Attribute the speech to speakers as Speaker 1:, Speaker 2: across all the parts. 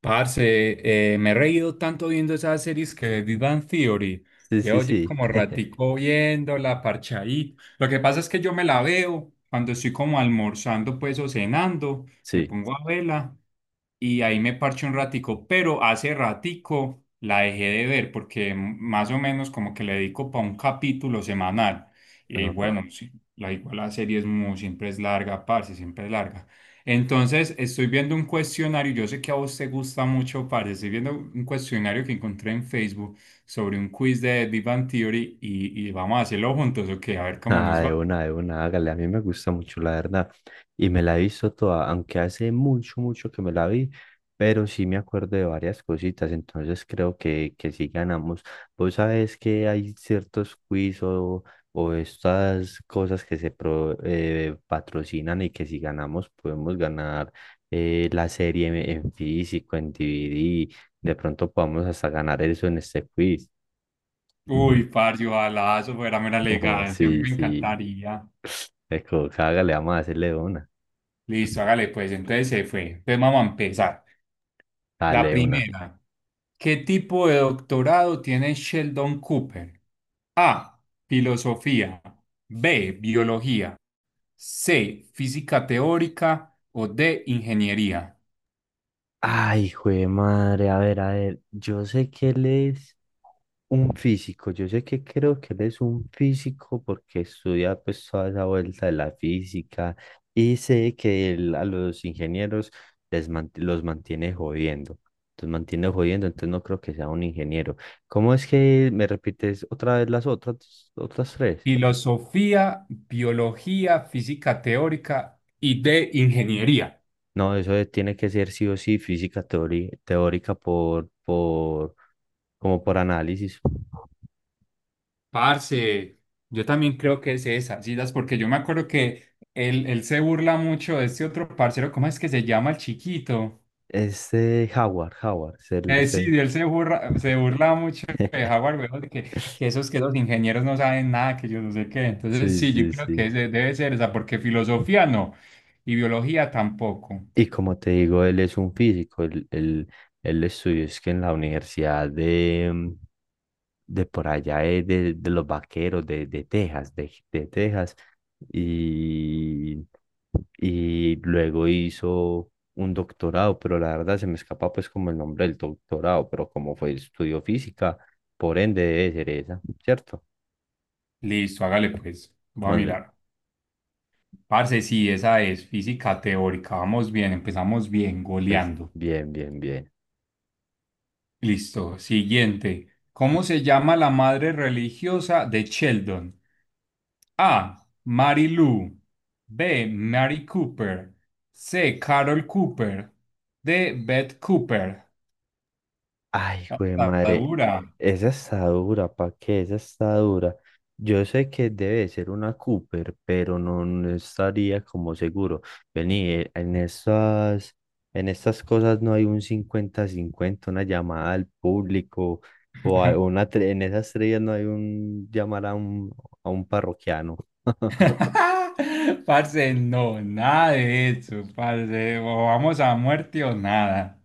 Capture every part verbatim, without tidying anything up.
Speaker 1: Parce, eh, me he reído tanto viendo esas series que de Big Bang Theory.
Speaker 2: Sí, sí,
Speaker 1: Llevo ya
Speaker 2: sí.
Speaker 1: como ratico viéndola, parchadito. Lo que pasa es que yo me la veo cuando estoy como almorzando, pues, o cenando. Me
Speaker 2: Sí.
Speaker 1: pongo a verla y ahí me parché un ratico, pero hace ratico la dejé de ver porque más o menos como que le dedico para un capítulo semanal. Y
Speaker 2: Ajá.
Speaker 1: bueno, sí, la igual la serie es muy, siempre es larga, parce, siempre es larga. Entonces estoy viendo un cuestionario, yo sé que a vos te gusta mucho, parce, estoy viendo un cuestionario que encontré en Facebook sobre un quiz de Big Bang Theory y, y vamos a hacerlo juntos, ok, a ver cómo
Speaker 2: Ah,
Speaker 1: nos va.
Speaker 2: de una, de una, hágale. A mí me gusta mucho, la verdad. Y me la he visto toda, aunque hace mucho, mucho que me la vi, pero sí me acuerdo de varias cositas, entonces creo que, que sí ganamos. Vos sabés que hay ciertos quiz o, o estas cosas que se pro- eh, patrocinan y que si ganamos podemos ganar eh, la serie en, en físico, en D V D. De pronto podemos hasta ganar eso en este quiz.
Speaker 1: Uy, parce, ojalá eso fuera mera
Speaker 2: Oh,
Speaker 1: elegancia, a mí
Speaker 2: sí,
Speaker 1: me
Speaker 2: sí.
Speaker 1: encantaría.
Speaker 2: Eco, le vamos a hacerle una.
Speaker 1: Listo, hágale pues, entonces se fue. Entonces vamos a empezar. La
Speaker 2: Dale una.
Speaker 1: primera, ¿qué tipo de doctorado tiene Sheldon Cooper? A, filosofía, B, biología, C, física teórica o D, ingeniería.
Speaker 2: Ay, hijo de madre, a ver, a ver, yo sé que él es un físico, yo sé que creo que él es un físico porque estudia pues toda esa vuelta de la física y sé que él a los ingenieros les man- los mantiene jodiendo, los mantiene jodiendo, entonces no creo que sea un ingeniero. ¿Cómo es que me repites otra vez las otras, otras tres?
Speaker 1: Filosofía, biología, física teórica y de ingeniería.
Speaker 2: No, eso es- tiene que ser sí o sí física teori- teórica por, por, como por análisis.
Speaker 1: Parce, yo también creo que es esa, sí, das, porque yo me acuerdo que él, él se burla mucho de este otro parcero, ¿cómo es que se llama el chiquito?
Speaker 2: Este Howard, Howard, se-
Speaker 1: Eh, sí,
Speaker 2: se-
Speaker 1: de él se burla, se burla mucho de Howard, weón, de que, que esos que los ingenieros no saben nada, que yo no sé qué. Entonces,
Speaker 2: sí,
Speaker 1: sí, yo
Speaker 2: sí,
Speaker 1: creo que
Speaker 2: sí.
Speaker 1: ese debe ser esa, porque filosofía no, y biología tampoco.
Speaker 2: Y como te digo, él es un físico, él, él, él estudió es que en la universidad de, mm, de por allá, eh, de, de los vaqueros de, de Texas, de, de Texas, y, y luego hizo un doctorado, pero la verdad se me escapa pues como el nombre del doctorado, pero como fue estudio física, por ende debe ser esa, ¿cierto?
Speaker 1: Listo, hágale pues, voy a
Speaker 2: Mándela.
Speaker 1: mirar. Parce, sí, esa es física teórica, vamos bien, empezamos bien,
Speaker 2: Pues
Speaker 1: goleando.
Speaker 2: bien, bien, bien.
Speaker 1: Listo, siguiente. ¿Cómo se llama la madre religiosa de Sheldon? A. Mary Lou. B. Mary Cooper. C. Carol Cooper. D. Beth Cooper.
Speaker 2: Ay, güey,
Speaker 1: La
Speaker 2: madre,
Speaker 1: dura.
Speaker 2: esa está dura, ¿pa' qué? Esa está dura. Yo sé que debe ser una Cooper, pero no, no estaría como seguro. Vení, eh, en estas, en estas cosas no hay un cincuenta-cincuenta, una llamada al público, o a- una, tre- en esas estrellas no hay un llamar a un, a un parroquiano.
Speaker 1: Parce, no, nada de eso, parce. O vamos a muerte o nada.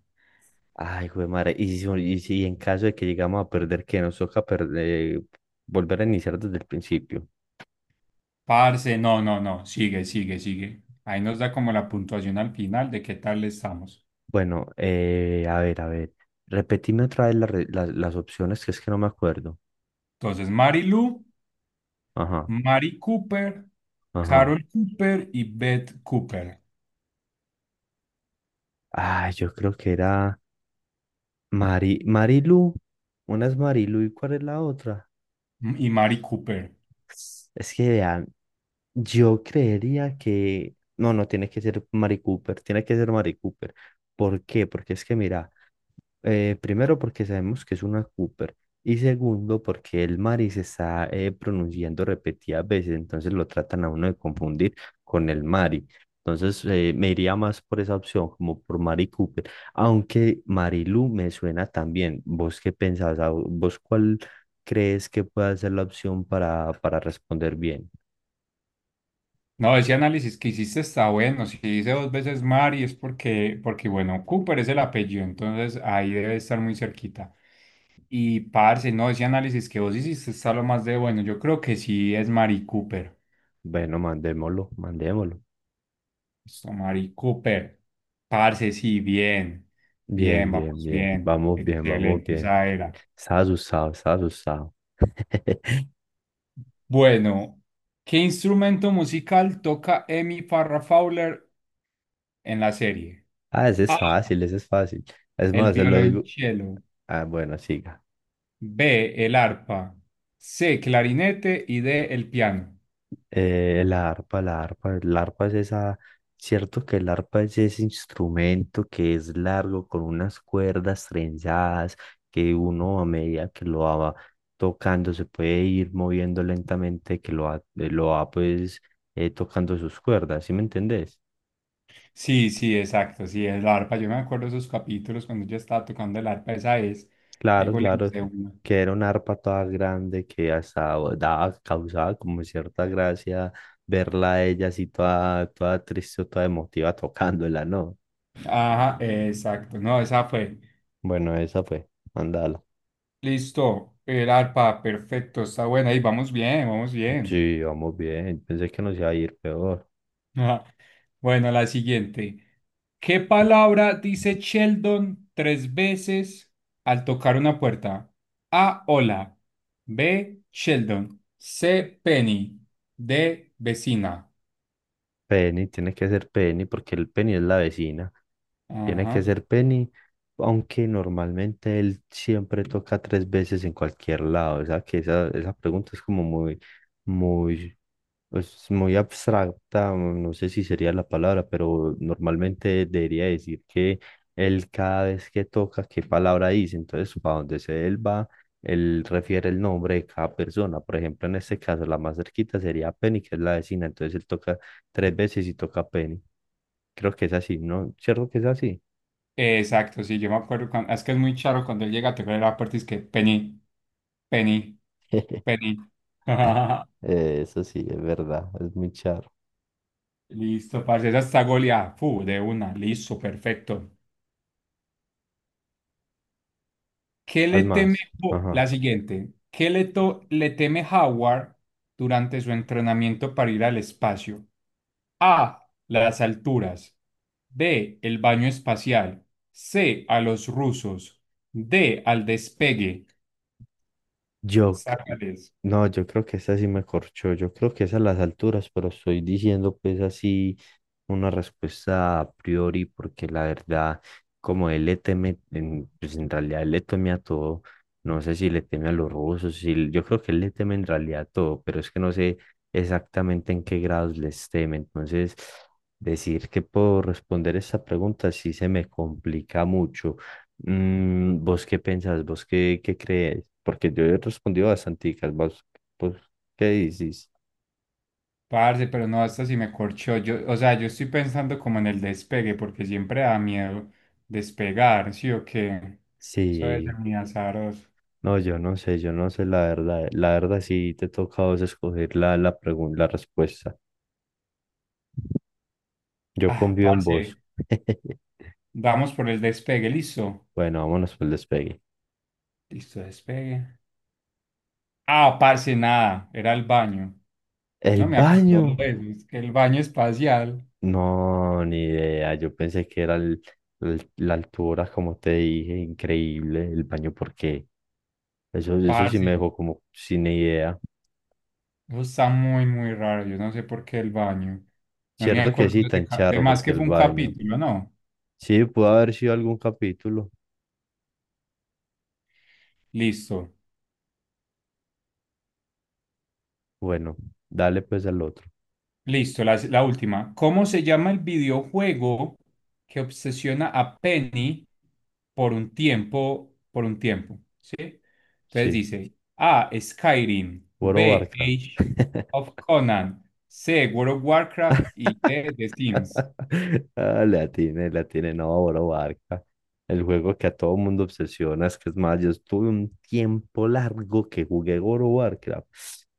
Speaker 2: Ay, güey, madre, y si, y si en caso de que llegamos a perder, que nos toca perder, eh, volver a iniciar desde el principio.
Speaker 1: Parce, no, no, no. Sigue, sigue, sigue. Ahí nos da como la puntuación al final de qué tal estamos.
Speaker 2: Bueno, eh, a ver, a ver. Repetime otra vez la re- la- las opciones, que es que no me acuerdo.
Speaker 1: Entonces, Mary Lou,
Speaker 2: Ajá,
Speaker 1: Mary Cooper,
Speaker 2: ajá.
Speaker 1: Carol Cooper y Beth Cooper.
Speaker 2: Ah, yo creo que era Mari, Marilu. Una es Marilu y ¿cuál es la otra?
Speaker 1: Y Mary Cooper.
Speaker 2: Es que vean, yo creería que... No, no tiene que ser Mari Cooper, tiene que ser Mari Cooper. ¿Por qué? Porque es que mira. Eh, primero porque sabemos que es una Cooper y segundo porque el Mari se está eh, pronunciando repetidas veces, entonces lo tratan a uno de confundir con el Mari. Entonces eh, me iría más por esa opción, como por Mari Cooper, aunque Marilu me suena también. ¿Vos qué pensás? Ah, ¿vos cuál crees que pueda ser la opción para, para responder bien?
Speaker 1: No, ese análisis que hiciste está bueno. Si dice dos veces Mari es porque, porque, bueno, Cooper es el apellido, entonces ahí debe estar muy cerquita. Y parce, no, ese análisis que vos hiciste está lo más de bueno. Yo creo que sí es Mari Cooper.
Speaker 2: Bueno, mandémoslo, mandémoslo.
Speaker 1: Esto, Mari Cooper. Parce, sí, bien.
Speaker 2: Bien,
Speaker 1: Bien,
Speaker 2: bien,
Speaker 1: vamos
Speaker 2: bien.
Speaker 1: bien.
Speaker 2: Vamos bien, vamos
Speaker 1: Excelente,
Speaker 2: bien.
Speaker 1: esa era.
Speaker 2: Estaba asustado, estaba asustado.
Speaker 1: Bueno, ¿qué instrumento musical toca Amy Farrah Fowler en la serie?
Speaker 2: Ah, ese es fácil, ese es fácil. Es
Speaker 1: El
Speaker 2: más, se lo digo.
Speaker 1: violonchelo.
Speaker 2: Ah, bueno, siga.
Speaker 1: B, el arpa. C, clarinete y D, el piano.
Speaker 2: Eh, la arpa, la arpa, la arpa es esa. Cierto que el arpa es ese instrumento que es largo, con unas cuerdas trenzadas, que uno a medida que lo va tocando se puede ir moviendo lentamente, que lo va, eh, lo va pues eh, tocando sus cuerdas, ¿sí me entendés?
Speaker 1: Sí, sí, exacto, sí, el arpa. Yo me acuerdo esos capítulos cuando yo estaba tocando el arpa, esa es. Ahí
Speaker 2: Claro,
Speaker 1: goleamos
Speaker 2: claro,
Speaker 1: de una.
Speaker 2: que era una arpa toda grande que hasta daba, causaba como cierta gracia verla a ella así toda, toda triste o toda emotiva tocándola, ¿no?
Speaker 1: Ajá, exacto, no, esa fue.
Speaker 2: Bueno, esa fue, mandala.
Speaker 1: Listo, el arpa, perfecto, está buena. Ahí vamos bien, vamos bien.
Speaker 2: Sí, vamos bien, pensé que nos iba a ir peor.
Speaker 1: Ajá. Bueno, la siguiente. ¿Qué palabra dice Sheldon tres veces al tocar una puerta? A. Hola. B. Sheldon. C. Penny. D. Vecina.
Speaker 2: Penny, tiene que ser Penny porque el Penny es la vecina, tiene
Speaker 1: Ajá.
Speaker 2: que ser Penny, aunque normalmente él siempre toca tres veces en cualquier lado, o sea que esa, esa pregunta es como muy, muy. Es muy abstracta, o no sé si sería la palabra, pero normalmente debería decir que él cada vez que toca, qué palabra dice. Entonces, para donde se él va, él refiere el nombre de cada persona. Por ejemplo, en este caso, la más cerquita sería Penny, que es la vecina. Entonces, él toca tres veces y toca Penny. Creo que es así, ¿no? ¿Cierto que es así?
Speaker 1: Exacto, sí, yo me acuerdo cuando, es que es muy charo cuando él llega a tocar la puerta y es que Penny, Penny, Penny.
Speaker 2: Eh, Eso sí, es verdad, es muy charro.
Speaker 1: Listo, parce, esa está goleada. Fu, de una. Listo, perfecto. ¿Qué
Speaker 2: Al
Speaker 1: le teme
Speaker 2: más,
Speaker 1: Ho-
Speaker 2: ajá.
Speaker 1: la siguiente? ¿Qué le, to- le teme Howard durante su entrenamiento para ir al espacio? A. Las alturas. B. El baño espacial. C. A los rusos. D. Al despegue.
Speaker 2: Yo, c-
Speaker 1: Sácales.
Speaker 2: no, yo creo que esa sí me corchó. Yo creo que es a las alturas, pero estoy diciendo pues así una respuesta a priori, porque la verdad, como él le teme, en, pues en realidad él le teme a todo. No sé si le teme a los rusos, si, yo creo que él le teme en realidad a todo, pero es que no sé exactamente en qué grados les teme. Entonces, decir que puedo responder esa pregunta sí se me complica mucho. Mm, ¿vos qué pensás? ¿Vos qué, qué crees? Porque yo he respondido bastante, ¿vos, vos qué dices?
Speaker 1: Parce, pero no, hasta si me corchó. Yo, o sea, yo estoy pensando como en el despegue, porque siempre da miedo despegar, ¿sí o qué? Eso es
Speaker 2: Sí,
Speaker 1: muy azaroso.
Speaker 2: no, yo no sé, yo no sé la verdad. La verdad sí te toca a vos escoger la, la pregun- la respuesta. Yo
Speaker 1: Ah,
Speaker 2: confío en
Speaker 1: parce,
Speaker 2: vos.
Speaker 1: vamos por el despegue, listo.
Speaker 2: Bueno, vámonos por el despegue.
Speaker 1: Listo, despegue. Ah, parce, nada, era el baño. Yo
Speaker 2: ¿El
Speaker 1: no me acuerdo
Speaker 2: baño?
Speaker 1: de eso, es que el baño espacial,
Speaker 2: No, ni idea. Yo pensé que era el- el- la altura, como te dije, increíble. El baño, porque Eso, eso sí
Speaker 1: parce,
Speaker 2: me dejó como sin idea.
Speaker 1: eso está muy, muy raro, yo no sé por qué el baño. No me
Speaker 2: Cierto que
Speaker 1: acuerdo
Speaker 2: sí,
Speaker 1: de ese,
Speaker 2: tan
Speaker 1: ca- de
Speaker 2: charro,
Speaker 1: más
Speaker 2: porque
Speaker 1: que
Speaker 2: el
Speaker 1: fue un
Speaker 2: baño.
Speaker 1: capítulo, ¿no?
Speaker 2: Sí, pudo haber sido algún capítulo.
Speaker 1: Listo.
Speaker 2: Bueno, dale pues al otro.
Speaker 1: Listo, la, la última. ¿Cómo se llama el videojuego que obsesiona a Penny por un tiempo, por un tiempo? ¿Sí? Entonces
Speaker 2: Sí,
Speaker 1: dice A. Skyrim,
Speaker 2: Boro
Speaker 1: B.
Speaker 2: Barca.
Speaker 1: Age of Conan, C. World of Warcraft y D. The Sims.
Speaker 2: Ah, la tiene, la tiene, no, Boro Barca. El juego que a todo mundo obsesiona, es que es más, yo estuve un tiempo largo que jugué Boro Barca,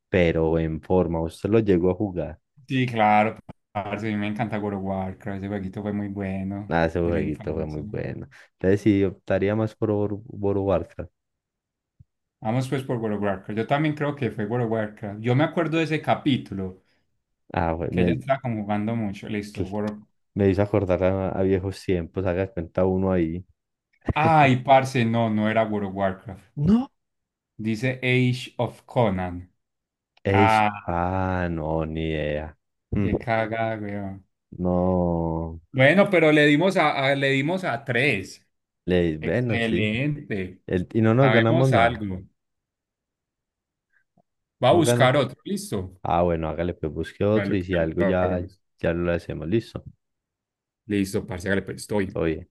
Speaker 2: pero en forma, usted lo llegó a jugar.
Speaker 1: Sí, claro, parce, a mí me encanta World of Warcraft, ese jueguito fue muy bueno
Speaker 2: Ah, ese
Speaker 1: de la
Speaker 2: jueguito fue muy
Speaker 1: infancia.
Speaker 2: bueno. Entonces sí, optaría más por Boro Boro Barca.
Speaker 1: Vamos pues por World of Warcraft. Yo también creo que fue World of Warcraft. Yo me acuerdo de ese capítulo
Speaker 2: Ah,
Speaker 1: que ya
Speaker 2: bueno,
Speaker 1: está como jugando mucho. Listo.
Speaker 2: cl-
Speaker 1: World...
Speaker 2: me hizo acordar a, a viejos tiempos, haga de cuenta uno ahí.
Speaker 1: Ay, parce, no, no era World of Warcraft.
Speaker 2: No.
Speaker 1: Dice Age of Conan.
Speaker 2: Eish,
Speaker 1: Ah,
Speaker 2: ah, no, ni idea. Mm,
Speaker 1: qué caga, weón.
Speaker 2: no,
Speaker 1: Bueno, pero le dimos a, a- le dimos a tres.
Speaker 2: le, bueno, sí.
Speaker 1: Excelente.
Speaker 2: El- y no nos ganamos
Speaker 1: Sabemos
Speaker 2: nada,
Speaker 1: algo. Va a
Speaker 2: no gana.
Speaker 1: buscar otro. Listo.
Speaker 2: Ah, bueno, hágale, pues busque otro
Speaker 1: Vale,
Speaker 2: y si
Speaker 1: que
Speaker 2: algo
Speaker 1: lo
Speaker 2: ya,
Speaker 1: hagamos.
Speaker 2: ya lo hacemos, listo.
Speaker 1: Listo, parce, hágale, pues estoy.
Speaker 2: Oye.